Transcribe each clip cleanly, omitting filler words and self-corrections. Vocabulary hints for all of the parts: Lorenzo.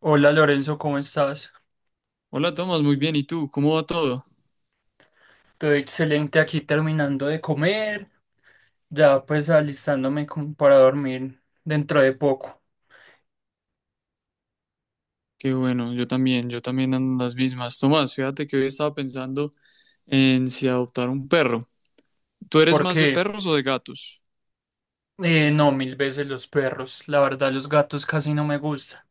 Hola Lorenzo, ¿cómo estás? Hola Tomás, muy bien. ¿Y tú? ¿Cómo va todo? Todo excelente aquí terminando de comer, ya pues alistándome como para dormir dentro de poco. Qué bueno, yo también ando en las mismas. Tomás, fíjate que hoy estaba pensando en si adoptar un perro. ¿Tú eres más de Porque perros o de gatos? No, mil veces los perros, la verdad los gatos casi no me gustan.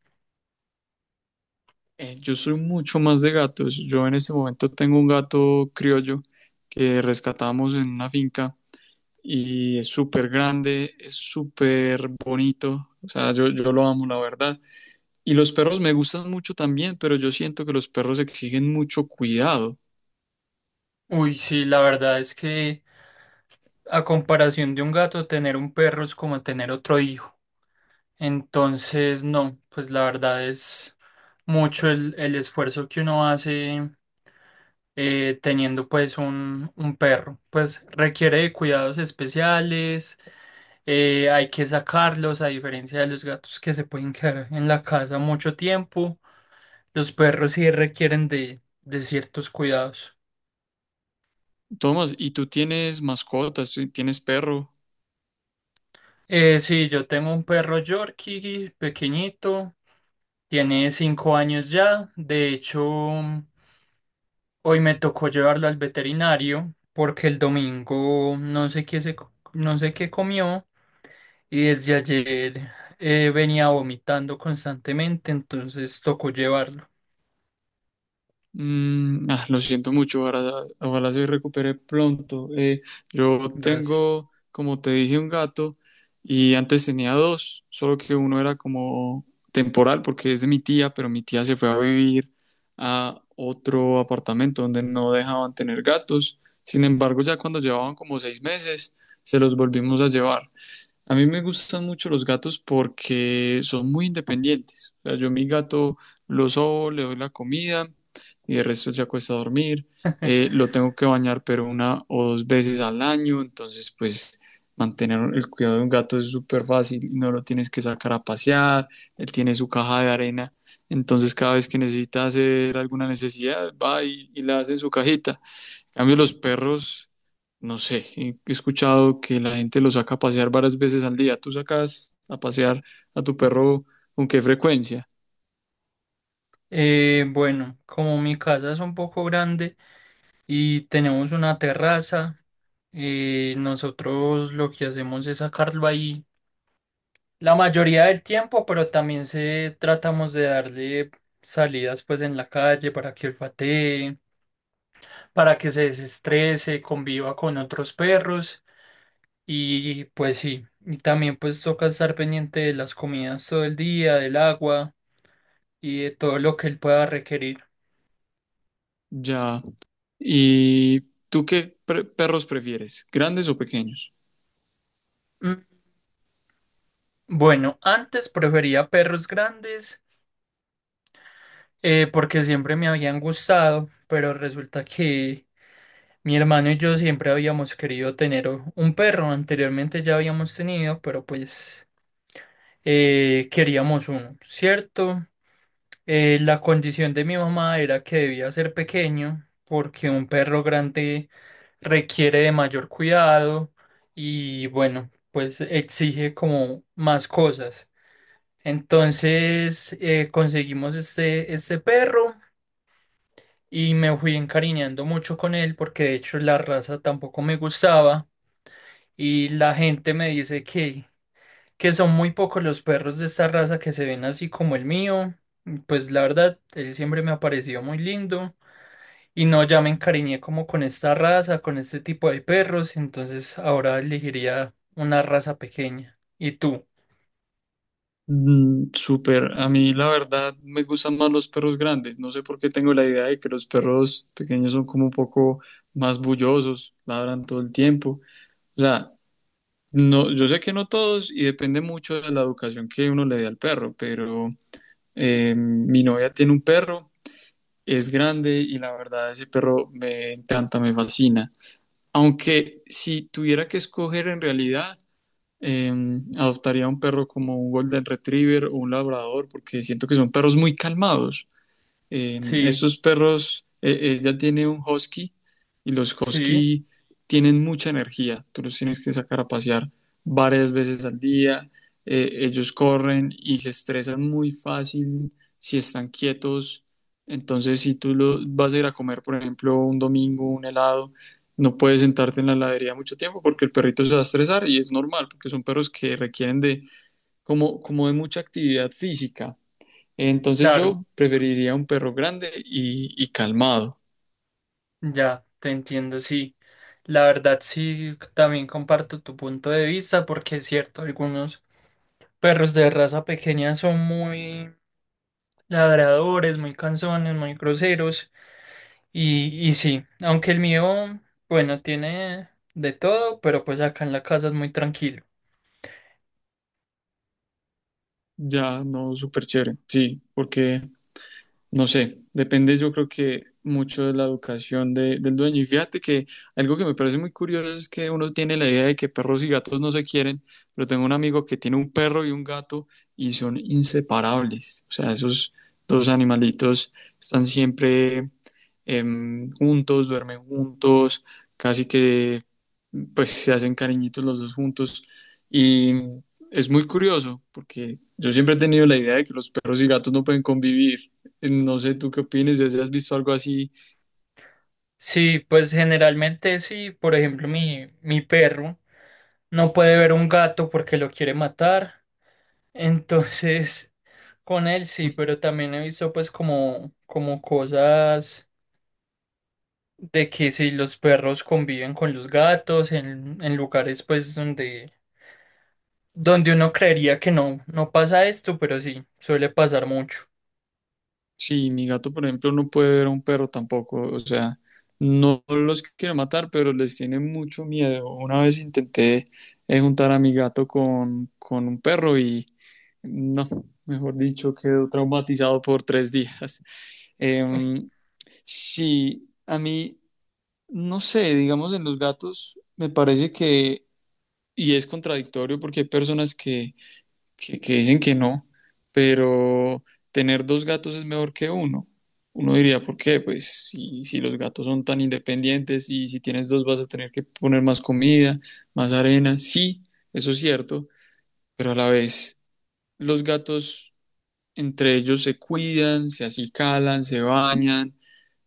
Yo soy mucho más de gatos. Yo en este momento tengo un gato criollo que rescatamos en una finca y es súper grande, es súper bonito. O sea, yo lo amo, la verdad. Y los perros me gustan mucho también, pero yo siento que los perros exigen mucho cuidado. Uy, sí, la verdad es que a comparación de un gato, tener un perro es como tener otro hijo. Entonces, no, pues la verdad es mucho el esfuerzo que uno hace teniendo pues un perro. Pues requiere de cuidados especiales. Hay que sacarlos a diferencia de los gatos que se pueden quedar en la casa mucho tiempo. Los perros sí requieren de ciertos cuidados. Tomás, ¿y tú tienes mascotas? ¿Tú ¿Tienes perro? Sí, yo tengo un perro Yorkie pequeñito, tiene 5 años ya. De hecho, hoy me tocó llevarlo al veterinario porque el domingo no sé qué no sé qué comió. Y desde ayer venía vomitando constantemente, entonces tocó llevarlo. Mm, ah, lo siento mucho, ojalá, ojalá se recupere pronto. Yo Gracias. tengo, como te dije, un gato y antes tenía dos, solo que uno era como temporal porque es de mi tía, pero mi tía se fue a vivir a otro apartamento donde no dejaban tener gatos. Sin embargo, ya cuando llevaban como 6 meses, se los volvimos a llevar. A mí me gustan mucho los gatos porque son muy independientes. O sea, yo a mi gato lo sobo, le doy la comida y el resto se acuesta a dormir. Lo tengo que bañar pero una o dos veces al año. Entonces pues mantener el cuidado de un gato es súper fácil, no lo tienes que sacar a pasear, él tiene su caja de arena, entonces cada vez que necesita hacer alguna necesidad va y la hace en su cajita. En cambio, los perros, no sé, he escuchado que la gente los saca a pasear varias veces al día. ¿Tú sacas a pasear a tu perro con qué frecuencia? Bueno, como mi casa es un poco grande y tenemos una terraza, nosotros lo que hacemos es sacarlo ahí la mayoría del tiempo, pero también se tratamos de darle salidas pues en la calle para que olfatee, para que se desestrese, conviva con otros perros. Y pues sí, y también pues toca estar pendiente de las comidas todo el día, del agua y de todo lo que él pueda requerir. Ya. ¿Y tú perros prefieres? ¿Grandes o pequeños? Mm, Bueno, antes prefería perros grandes porque siempre me habían gustado, pero resulta que mi hermano y yo siempre habíamos querido tener un perro. Anteriormente ya habíamos tenido, pero pues queríamos uno, ¿cierto? La condición de mi mamá era que debía ser pequeño porque un perro grande requiere de mayor cuidado y bueno, pues exige como más cosas. Entonces conseguimos este perro y me fui encariñando mucho con él porque de hecho la raza tampoco me gustaba, y la gente me dice que son muy pocos los perros de esta raza que se ven así como el mío. Pues la verdad, él siempre me ha parecido muy lindo y no, ya me encariñé como con esta raza, con este tipo de perros, entonces ahora elegiría una raza pequeña. ¿Y tú? Mm, súper. A mí la verdad me gustan más los perros grandes. No sé por qué tengo la idea de que los perros pequeños son como un poco más bullosos, ladran todo el tiempo. O sea, no, yo sé que no todos y depende mucho de la educación que uno le dé al perro, pero mi novia tiene un perro, es grande y la verdad ese perro me encanta, me fascina. Aunque si tuviera que escoger en realidad, eh, adoptaría un perro como un Golden Retriever o un Labrador, porque siento que son perros muy calmados. Sí, Estos perros, ella tiene un husky y los sí, husky tienen mucha energía. Tú los tienes que sacar a pasear varias veces al día. Ellos corren y se estresan muy fácil si están quietos. Entonces, si vas a ir a comer, por ejemplo, un domingo, un helado, no puedes sentarte en la heladería mucho tiempo porque el perrito se va a estresar y es normal porque son perros que requieren de como de mucha actividad física. Entonces claro, yo preferiría un perro grande y calmado, ya, te entiendo, sí. La verdad, sí, también comparto tu punto de vista porque es cierto, algunos perros de raza pequeña son muy ladradores, muy cansones, muy groseros. Y sí, aunque el mío, bueno, tiene de todo, pero pues acá en la casa es muy tranquilo. ya no súper chévere, sí, porque no sé, depende yo creo que mucho de la educación del dueño. Y fíjate que algo que me parece muy curioso es que uno tiene la idea de que perros y gatos no se quieren, pero tengo un amigo que tiene un perro y un gato y son inseparables, o sea, esos dos animalitos están siempre juntos, duermen juntos, casi que pues se hacen cariñitos los dos juntos. Y es muy curioso porque yo siempre he tenido la idea de que los perros y gatos no pueden convivir. No sé tú qué opinas, si has visto algo así. Sí, pues generalmente sí, por ejemplo, mi perro no puede ver un gato porque lo quiere matar. Entonces, con él sí, pero también he visto pues como, como cosas de que si los perros conviven con los gatos en lugares pues donde, donde uno creería que no, no pasa esto, pero sí, suele pasar mucho. Sí, mi gato, por ejemplo, no puede ver a un perro tampoco, o sea, no los quiere matar, pero les tiene mucho miedo. Una vez intenté juntar a mi gato con un perro y no, mejor dicho, quedó traumatizado por 3 días. Em, sí, a mí, no sé, digamos, en los gatos me parece que, y es contradictorio porque hay personas que dicen que no, pero tener dos gatos es mejor que uno. Uno diría, ¿por qué? Pues si los gatos son tan independientes y si tienes dos vas a tener que poner más comida, más arena. Sí, eso es cierto, pero a la vez los gatos entre ellos se cuidan, se acicalan, se bañan.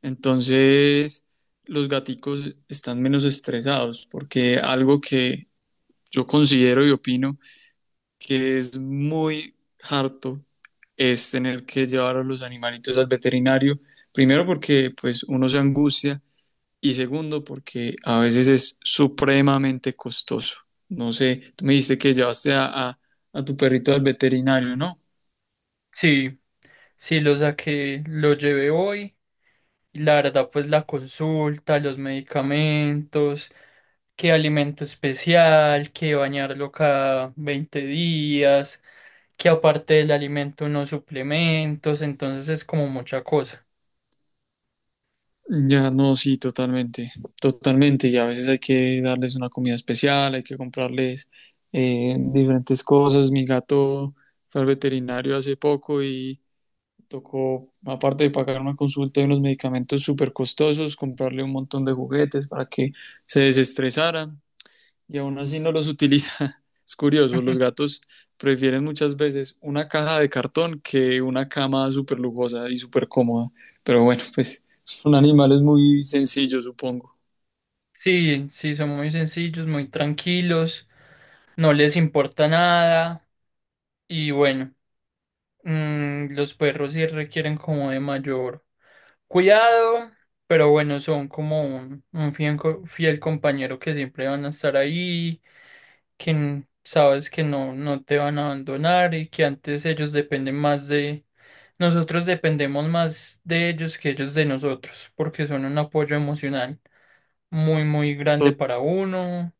Entonces los gaticos están menos estresados porque algo que yo considero y opino que es muy harto es tener que llevar a los animalitos al veterinario, primero porque pues uno se angustia y segundo porque a veces es supremamente costoso. No sé, tú me dijiste que llevaste a tu perrito al veterinario, ¿no? Sí, sí, lo saqué, lo llevé hoy. Y la verdad, pues la consulta, los medicamentos, qué alimento especial, qué bañarlo cada 20 días, que aparte del alimento unos suplementos, entonces es como mucha cosa. Ya no, sí, totalmente, totalmente. Y a veces hay que darles una comida especial, hay que comprarles diferentes cosas. Mi gato fue al veterinario hace poco y tocó, aparte de pagar una consulta y unos medicamentos súper costosos, comprarle un montón de juguetes para que se desestresara y aún así no los utiliza. Es curioso, los Ujú. gatos prefieren muchas veces una caja de cartón que una cama súper lujosa y súper cómoda. Pero bueno, pues son animales muy sencillos, supongo. Sí, sí, son muy sencillos, muy tranquilos, no les importa nada y bueno, los perros sí requieren como de mayor cuidado, pero bueno, son como un fiel, fiel compañero que siempre van a estar ahí, que sabes que no, no te van a abandonar y que antes ellos dependen más de... Nosotros dependemos más de ellos que ellos de nosotros, porque son un apoyo emocional muy, muy grande To- para uno.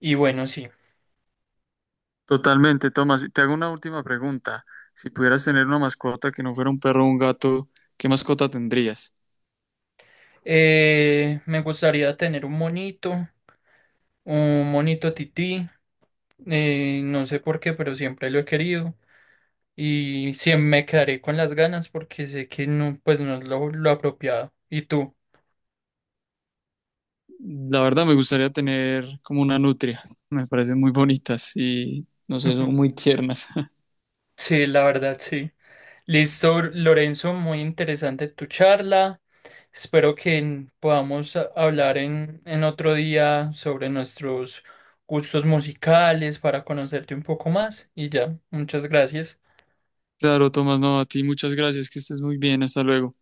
Y bueno, sí. Totalmente, Tomás. Y te hago una última pregunta. Si pudieras tener una mascota que no fuera un perro o un gato, ¿qué mascota tendrías? Me gustaría tener un monito tití. No sé por qué, pero siempre lo he querido. Y siempre me quedaré con las ganas porque sé que no, pues no es lo apropiado. ¿Y tú? La verdad me gustaría tener como una nutria. Me parecen muy bonitas y no sé, son muy tiernas. Sí, la verdad, sí. Listo, Lorenzo, muy interesante tu charla. Espero que podamos hablar en otro día sobre nuestros gustos musicales para conocerte un poco más. Y ya, muchas gracias. Claro, Tomás, no, a ti muchas gracias, que estés muy bien, hasta luego.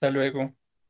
Hasta luego.